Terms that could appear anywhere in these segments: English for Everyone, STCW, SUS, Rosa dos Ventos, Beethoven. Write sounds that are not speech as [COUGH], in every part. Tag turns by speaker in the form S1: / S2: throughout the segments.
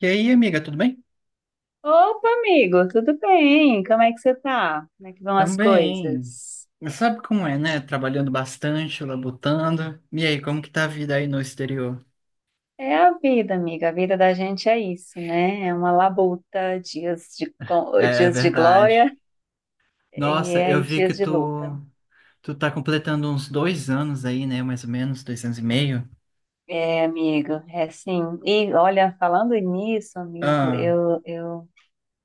S1: E aí, amiga, tudo bem?
S2: Opa, amigo, tudo bem? Como é que você tá? Como é que vão as
S1: Também.
S2: coisas?
S1: Sabe como é, né? Trabalhando bastante, labutando. E aí, como que tá a vida aí no exterior?
S2: É a vida, amiga. A vida da gente é isso, né? É uma labuta, dias de,
S1: É
S2: dias de
S1: verdade.
S2: glória e
S1: Nossa, eu vi que
S2: dias de
S1: tu,
S2: luta.
S1: tu tá completando uns dois anos aí, né? Mais ou menos, dois anos e meio.
S2: É, amigo, é assim. E olha, falando nisso, amigo,
S1: Ah,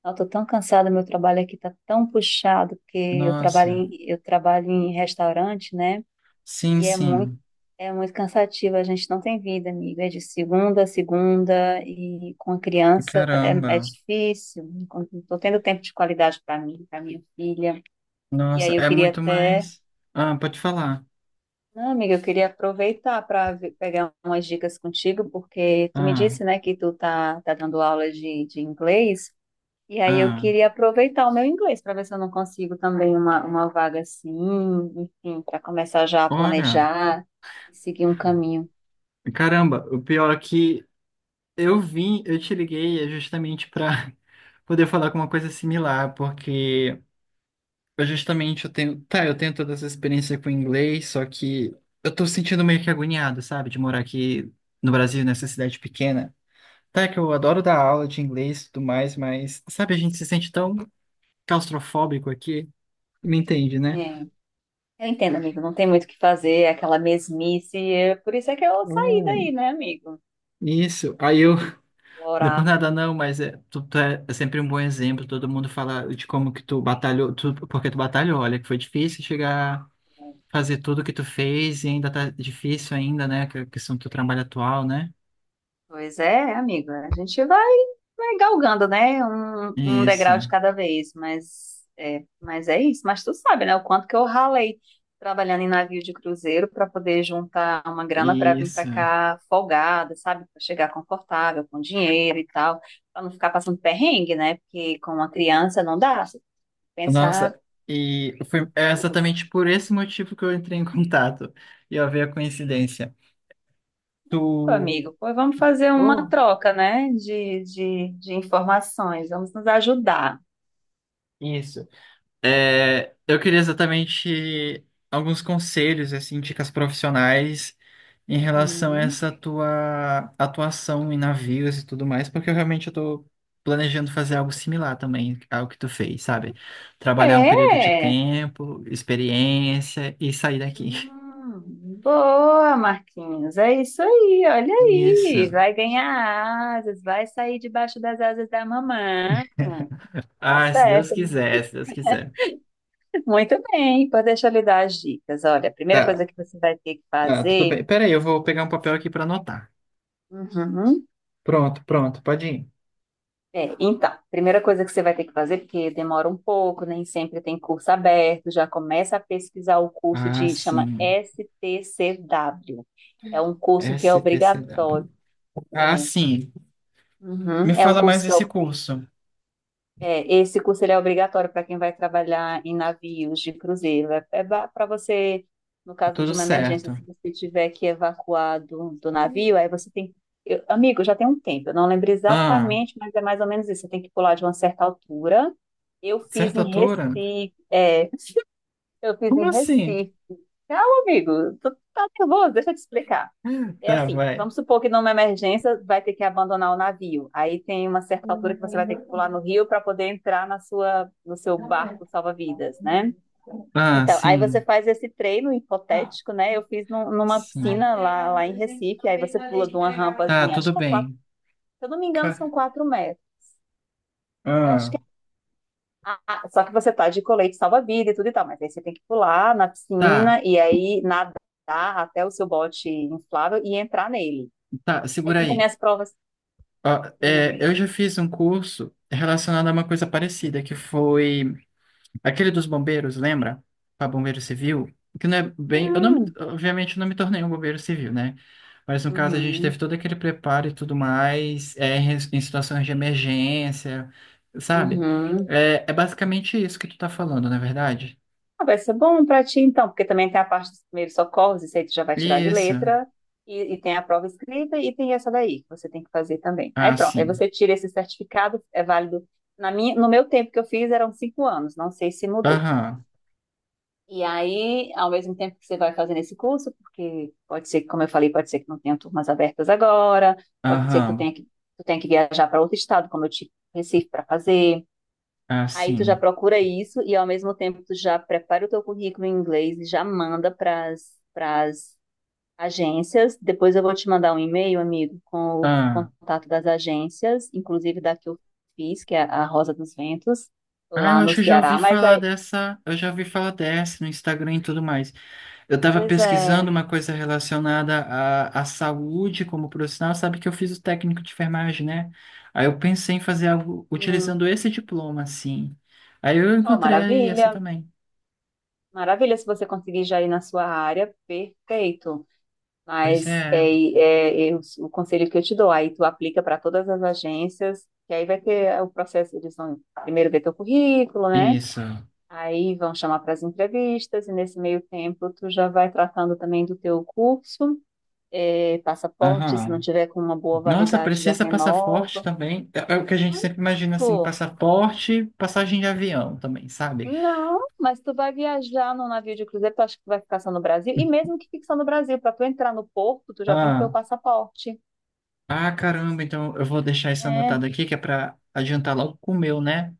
S2: eu tô tão cansada, meu trabalho aqui tá tão puxado, porque
S1: nossa.
S2: eu trabalho em restaurante, né?
S1: Sim,
S2: E
S1: sim.
S2: é muito cansativo, a gente não tem vida, amiga. É de segunda a segunda e com a criança é
S1: Caramba.
S2: difícil. Estou tendo tempo de qualidade para mim, para minha filha. E
S1: Nossa,
S2: aí eu
S1: é
S2: queria
S1: muito
S2: até.
S1: mais. Ah, pode falar.
S2: Não, amiga, eu queria aproveitar para pegar umas dicas contigo, porque tu me
S1: Ah,
S2: disse, né, que tá dando aula de inglês. E aí eu
S1: ah.
S2: queria aproveitar o meu inglês para ver se eu não consigo também uma vaga assim, enfim, para começar já a
S1: Olha.
S2: planejar e seguir um caminho.
S1: Caramba, o pior é que eu te liguei é justamente pra poder falar com uma coisa similar, porque eu tenho, tá, eu tenho toda essa experiência com inglês, só que eu tô sentindo meio que agoniado, sabe, de morar aqui no Brasil, nessa cidade pequena. Tá, que eu adoro dar aula de inglês e tudo mais, mas, sabe, a gente se sente tão claustrofóbico aqui, me entende, né?
S2: É. Eu entendo, amigo. Não tem muito o que fazer, é aquela mesmice. Por isso é que eu saí daí,
S1: Hum.
S2: né, amigo?
S1: Isso. Aí eu, [LAUGHS] não é por
S2: Explorar.
S1: nada não, mas é, tu, tu é sempre um bom exemplo, todo mundo fala de como que tu batalhou, tu, porque tu batalhou, olha, que foi difícil chegar fazer tudo que tu fez e ainda tá difícil ainda, né? Que a questão do teu trabalho atual, né?
S2: Pois é, amigo. A gente vai, vai galgando, né? Um
S1: Isso,
S2: degrau de cada vez. Mas é isso. Mas tu sabe, né? O quanto que eu ralei trabalhando em navio de cruzeiro para poder juntar uma grana para vir para
S1: isso.
S2: cá folgada, sabe? Para chegar confortável, com dinheiro e tal. Para não ficar passando perrengue, né? Porque com uma criança não dá. Você tem que pensar.
S1: Nossa, e foi é exatamente por esse motivo que eu entrei em [LAUGHS] contato. E ó, veio a coincidência.
S2: Pô,
S1: Tu.
S2: amigo, pô, vamos fazer uma
S1: Oh,
S2: troca, né, de informações, vamos nos ajudar.
S1: isso. É, eu queria exatamente alguns conselhos, assim, dicas profissionais em relação a
S2: Uhum.
S1: essa tua atuação em navios e tudo mais, porque eu tô planejando fazer algo similar também ao que tu fez, sabe? Trabalhar um período de
S2: É,
S1: tempo, experiência e sair daqui.
S2: Boa, Marquinhos, é isso aí, olha
S1: Isso.
S2: aí, vai ganhar asas, vai sair debaixo das asas da mamãe. Tá
S1: Ah, se Deus
S2: certo,
S1: quiser, se Deus quiser.
S2: muito bem, pô, deixa eu lhe dar as dicas. Olha, a primeira coisa
S1: Tá,
S2: que você vai ter que
S1: ah, tudo
S2: fazer.
S1: bem. Pera aí, eu vou pegar um papel aqui para anotar.
S2: Uhum.
S1: Pronto, pronto, pode ir.
S2: É, então, primeira coisa que você vai ter que fazer, porque demora um pouco, nem sempre tem curso aberto, já começa a pesquisar o curso
S1: Ah,
S2: de, chama
S1: sim.
S2: STCW. É um curso que
S1: S
S2: é
S1: T C W
S2: obrigatório.
S1: Ah,
S2: É,
S1: sim.
S2: uhum,
S1: Me
S2: É um
S1: fala mais
S2: curso que é
S1: desse curso.
S2: é, esse curso ele é obrigatório para quem vai trabalhar em navios de cruzeiro. É, para você, no caso
S1: Tudo
S2: de uma emergência,
S1: certo.
S2: se você tiver que evacuar do navio, aí você tem. Eu, amigo, já tem um tempo, eu não lembro
S1: Ah,
S2: exatamente, mas é mais ou menos isso. Você tem que pular de uma certa altura. Eu fiz
S1: certa
S2: em
S1: altura?
S2: Recife, eu fiz
S1: Como
S2: em
S1: assim?
S2: Recife. Calma, amigo. Tu tá nervoso, deixa eu te explicar. É
S1: Tá,
S2: assim,
S1: vai.
S2: vamos supor que numa emergência vai ter que abandonar o navio. Aí tem uma certa altura que você vai ter que pular no rio para poder entrar na sua, no seu barco salva-vidas, né?
S1: Ah,
S2: Então, aí você
S1: sim.
S2: faz esse treino hipotético, né? Eu fiz numa
S1: Sim.
S2: piscina lá, lá em Recife, aí você pula de uma
S1: Tá,
S2: rampazinha, acho
S1: tudo
S2: que é quatro,
S1: bem.
S2: se eu não me engano, são
S1: Ca-
S2: 4 metros. Eu acho.
S1: ah,
S2: Ah, só que você tá de colete salva-vida e tudo e tal, mas aí você tem que pular na
S1: tá,
S2: piscina e aí nadar até o seu bote inflável e entrar nele.
S1: tá,
S2: Aí
S1: segura
S2: tem também
S1: aí.
S2: as provas,
S1: Ó,
S2: sim,
S1: é, eu
S2: amigo.
S1: já fiz um curso relacionado a uma coisa parecida, que foi aquele dos bombeiros, lembra? Para bombeiro civil, que não é bem, eu não,
S2: Hum,
S1: obviamente eu não me tornei um bombeiro civil, né? Mas no caso a gente teve
S2: uhum,
S1: todo aquele preparo e tudo mais, é, em em situações de emergência, sabe?
S2: uhum.
S1: É, é basicamente isso que tu tá falando, não é verdade?
S2: Ah, vai ser bom pra ti então, porque também tem a parte dos primeiros socorros, isso aí tu já vai tirar de
S1: Isso.
S2: letra. E tem a prova escrita e tem essa daí que você tem que fazer também. Aí
S1: Ah,
S2: pronto, aí
S1: sim.
S2: você tira esse certificado, é válido. Na minha, no meu tempo que eu fiz eram 5 anos, não sei se mudou.
S1: Aham.
S2: E aí, ao mesmo tempo que você vai fazendo esse curso, porque pode ser que, como eu falei, pode ser que não tenha turmas abertas agora, pode ser que
S1: Aham.
S2: tu tenha que viajar para outro estado, como eu tive Recife para fazer.
S1: Ah,
S2: Aí tu já
S1: sim.
S2: procura isso e ao mesmo tempo tu já prepara o teu currículo em inglês e já manda para as agências. Depois eu vou te mandar um e-mail, amigo, com o
S1: Ah.
S2: contato das agências, inclusive da que eu fiz, que é a Rosa dos Ventos,
S1: Ah, eu
S2: lá no
S1: acho que eu já
S2: Ceará.
S1: ouvi
S2: Mas
S1: falar
S2: aí,
S1: dessa, eu já ouvi falar dessa no Instagram e tudo mais. Eu estava
S2: pois
S1: pesquisando
S2: é,
S1: uma coisa relacionada à, à saúde como profissional, sabe que eu fiz o técnico de enfermagem, né? Aí eu pensei em fazer algo
S2: sim.
S1: utilizando esse diploma, assim. Aí eu
S2: Oh,
S1: encontrei essa
S2: maravilha.
S1: também.
S2: Maravilha, se você conseguir já ir na sua área, perfeito.
S1: Pois
S2: Mas
S1: é,
S2: é o conselho que eu te dou, aí tu aplica para todas as agências, que aí vai ter o processo, eles vão primeiro ver teu currículo, né?
S1: isso.
S2: Aí vão chamar para as entrevistas, e nesse meio tempo tu já vai tratando também do teu curso, é, passaporte, se não
S1: Aham.
S2: tiver com uma boa
S1: Nossa,
S2: validade, já
S1: precisa passaporte
S2: renova.
S1: também. É é o que a gente sempre imagina, assim, passaporte, passagem de avião também, sabe?
S2: Não, mas tu vai viajar num navio de cruzeiro, tu acha que tu vai ficar só no Brasil? E mesmo que fique só no Brasil, para tu entrar no porto, tu já tem que ter o
S1: Ah,
S2: passaporte.
S1: ah, caramba, então eu vou deixar isso
S2: É.
S1: anotado aqui, que é para adiantar logo com o meu, né?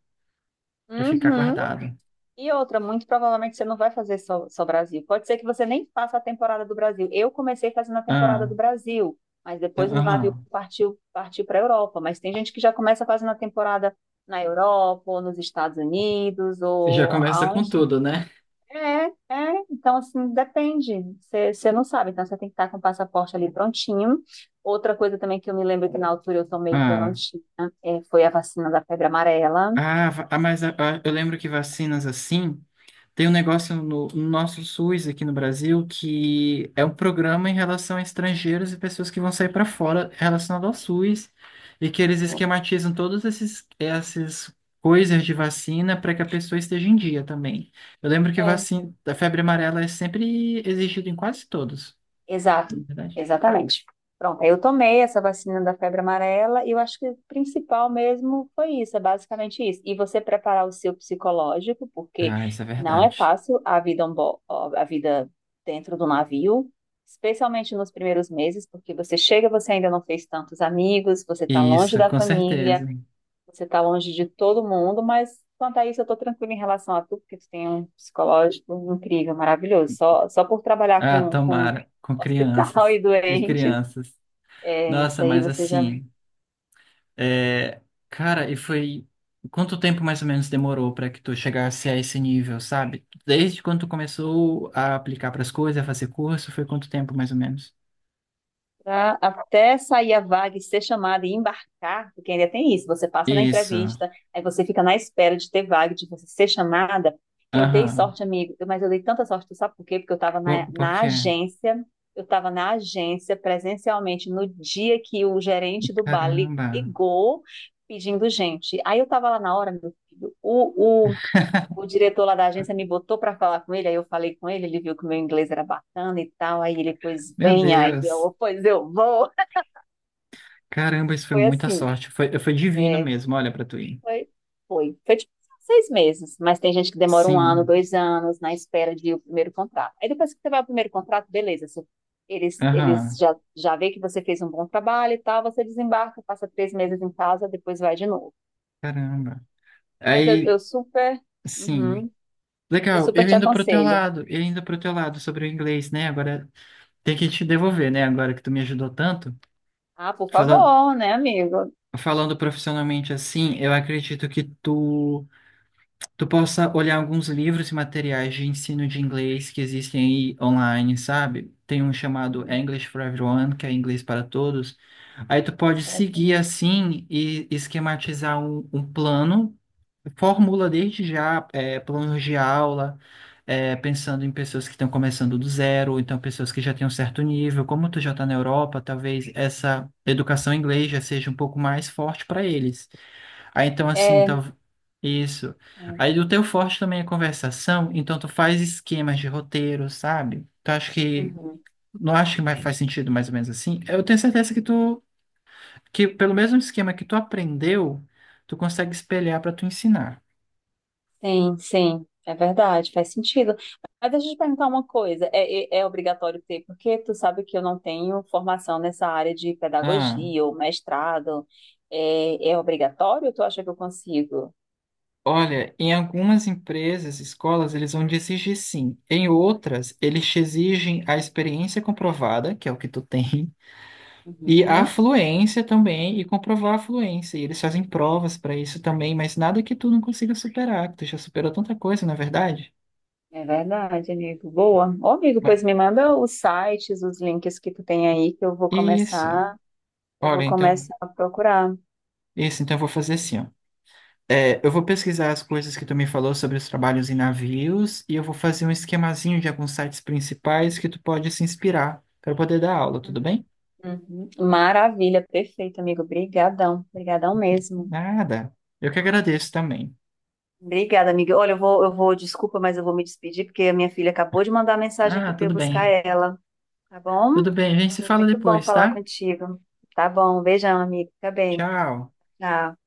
S1: Para ficar
S2: Uhum.
S1: guardado.
S2: E outra, muito provavelmente você não vai fazer só Brasil. Pode ser que você nem faça a temporada do Brasil. Eu comecei fazendo a temporada
S1: Ah,
S2: do Brasil, mas
S1: tá-
S2: depois o navio
S1: aham.
S2: partiu, partiu para a Europa. Mas tem gente que já começa fazendo a temporada na Europa, ou nos Estados Unidos,
S1: Já
S2: ou
S1: começa com
S2: aonde.
S1: tudo, né?
S2: É, então assim, depende. Você não sabe, então você tem que estar com o passaporte ali prontinho. Outra coisa também que eu me lembro que na altura eu tomei que eu não
S1: Ah,
S2: tinha, foi a vacina da febre amarela.
S1: ah, va- ah, mas ah, ah, eu lembro que vacinas assim, tem um negócio no nosso SUS aqui no Brasil que é um programa em relação a estrangeiros e pessoas que vão sair para fora relacionado ao SUS e que eles
S2: Uhum.
S1: esquematizam todas esses, essas coisas de vacina para que a pessoa esteja em dia também. Eu lembro que
S2: É.
S1: vacina, a febre amarela é sempre exigida em quase todos,
S2: Exato,
S1: não é verdade?
S2: exatamente. Pronto, aí eu tomei essa vacina da febre amarela e eu acho que o principal mesmo foi isso, é basicamente isso. E você preparar o seu psicológico, porque
S1: Ah, isso é
S2: não é
S1: verdade.
S2: fácil a vida, a vida dentro do navio, especialmente nos primeiros meses, porque você chega, você ainda não fez tantos amigos, você está longe
S1: Isso,
S2: da
S1: com certeza.
S2: família, você está longe de todo mundo, mas quanto a isso, eu estou tranquila em relação a tu porque tu tem um psicológico incrível, maravilhoso. Só por trabalhar
S1: Ah,
S2: com
S1: tomara, com
S2: hospital [LAUGHS]
S1: crianças
S2: e
S1: e
S2: doentes,
S1: crianças.
S2: é, isso
S1: Nossa,
S2: aí
S1: mas
S2: você já.
S1: assim, é, cara, e foi quanto tempo mais ou menos demorou para que tu chegasse a esse nível, sabe? Desde quando tu começou a aplicar para as coisas, a fazer curso, foi quanto tempo mais ou menos?
S2: Até sair a vaga e ser chamada e embarcar, porque ainda tem isso, você passa na
S1: Isso.
S2: entrevista, aí você fica na espera de ter vaga, de você ser chamada. Eu dei
S1: Aham.
S2: sorte, amigo, mas eu dei tanta sorte, tu sabe por quê? Porque eu estava
S1: Por
S2: na
S1: quê?
S2: agência, eu estava na agência presencialmente no dia que o gerente do bar
S1: Caramba.
S2: ligou pedindo gente. Aí eu estava lá na hora, meu filho, o diretor lá da agência me botou para falar com ele, aí eu falei com ele, ele viu que o meu inglês era bacana e tal, aí ele, pois
S1: Meu
S2: vem, aí
S1: Deus.
S2: eu, pois eu vou. [LAUGHS]
S1: Caramba, isso foi
S2: Foi
S1: muita
S2: assim,
S1: sorte. Foi, foi divino
S2: é,
S1: mesmo, olha para tu ir.
S2: foi, foi tipo 6 meses, mas tem gente que demora um ano,
S1: Sim.
S2: dois anos na espera de o primeiro contrato. Aí depois que você vai ao primeiro contrato, beleza, você- eles
S1: Aham.
S2: já vê que você fez um bom trabalho e tal, você desembarca, passa 3 meses em casa, depois vai de novo.
S1: Caramba.
S2: Mas
S1: Aí,
S2: eu super,
S1: sim.
S2: uhum, eu
S1: Legal,
S2: super te aconselho.
S1: eu indo pro teu lado sobre o inglês, né? Agora tem que te devolver, né? Agora que tu me ajudou tanto.
S2: Ah, por
S1: Falando,
S2: favor, né, amigo?
S1: falando profissionalmente assim, eu acredito que tu tu possa olhar alguns livros e materiais de ensino de inglês que existem aí online, sabe? Tem um chamado
S2: Uhum.
S1: English for Everyone, que é inglês para todos. Aí tu
S2: Três
S1: pode
S2: para todo
S1: seguir assim e esquematizar um plano, formula desde já é, planos de aula, é, pensando em pessoas que estão começando do zero, ou então pessoas que já têm um certo nível. Como tu já está na Europa, talvez essa educação em inglês já seja um pouco mais forte para eles. Aí então assim,
S2: É,
S1: tá... isso.
S2: é.
S1: Aí o teu forte também é conversação, então tu faz esquemas de roteiro, sabe? Tu acha que
S2: Uhum.
S1: não acha que mais faz sentido mais ou menos assim? Eu tenho certeza que tu que pelo mesmo esquema que tu aprendeu, tu consegue espelhar para tu ensinar.
S2: Sim, sim. É verdade, faz sentido. Mas deixa eu te perguntar uma coisa. É obrigatório ter, porque tu sabe que eu não tenho formação nessa área de
S1: Ah,
S2: pedagogia ou mestrado. É, é obrigatório ou tu acha que eu consigo?
S1: olha, em algumas empresas, escolas, eles vão te exigir sim. Em outras, eles te exigem a experiência comprovada, que é o que tu tem, e a
S2: Uhum.
S1: fluência também, e comprovar a fluência. E eles fazem provas para isso também, mas nada que tu não consiga superar, que tu já superou tanta coisa, na é verdade?
S2: É verdade, amigo. Boa. Ô, amigo,
S1: Ma-
S2: pois me manda os sites, os links que tu tem aí, que
S1: isso.
S2: eu
S1: Olha,
S2: vou
S1: então,
S2: começar a procurar.
S1: isso, então eu vou fazer assim, ó. É, eu vou pesquisar as coisas que tu me falou sobre os trabalhos em navios e eu vou fazer um esquemazinho de alguns sites principais que tu pode se inspirar para poder dar aula, tudo bem?
S2: Uhum. Maravilha, perfeito, amigo. Obrigadão, obrigadão mesmo.
S1: Nada. Eu que agradeço também.
S2: Obrigada, amiga. Olha, eu vou, desculpa, mas eu vou me despedir porque a minha filha acabou de mandar mensagem aqui
S1: Ah,
S2: para eu
S1: tudo
S2: buscar
S1: bem.
S2: ela, tá bom?
S1: Tudo bem, a gente se
S2: Foi
S1: fala
S2: muito bom
S1: depois,
S2: falar
S1: tá?
S2: contigo. Tá bom, beijão, amigo. Fica bem.
S1: Tchau.
S2: Tchau.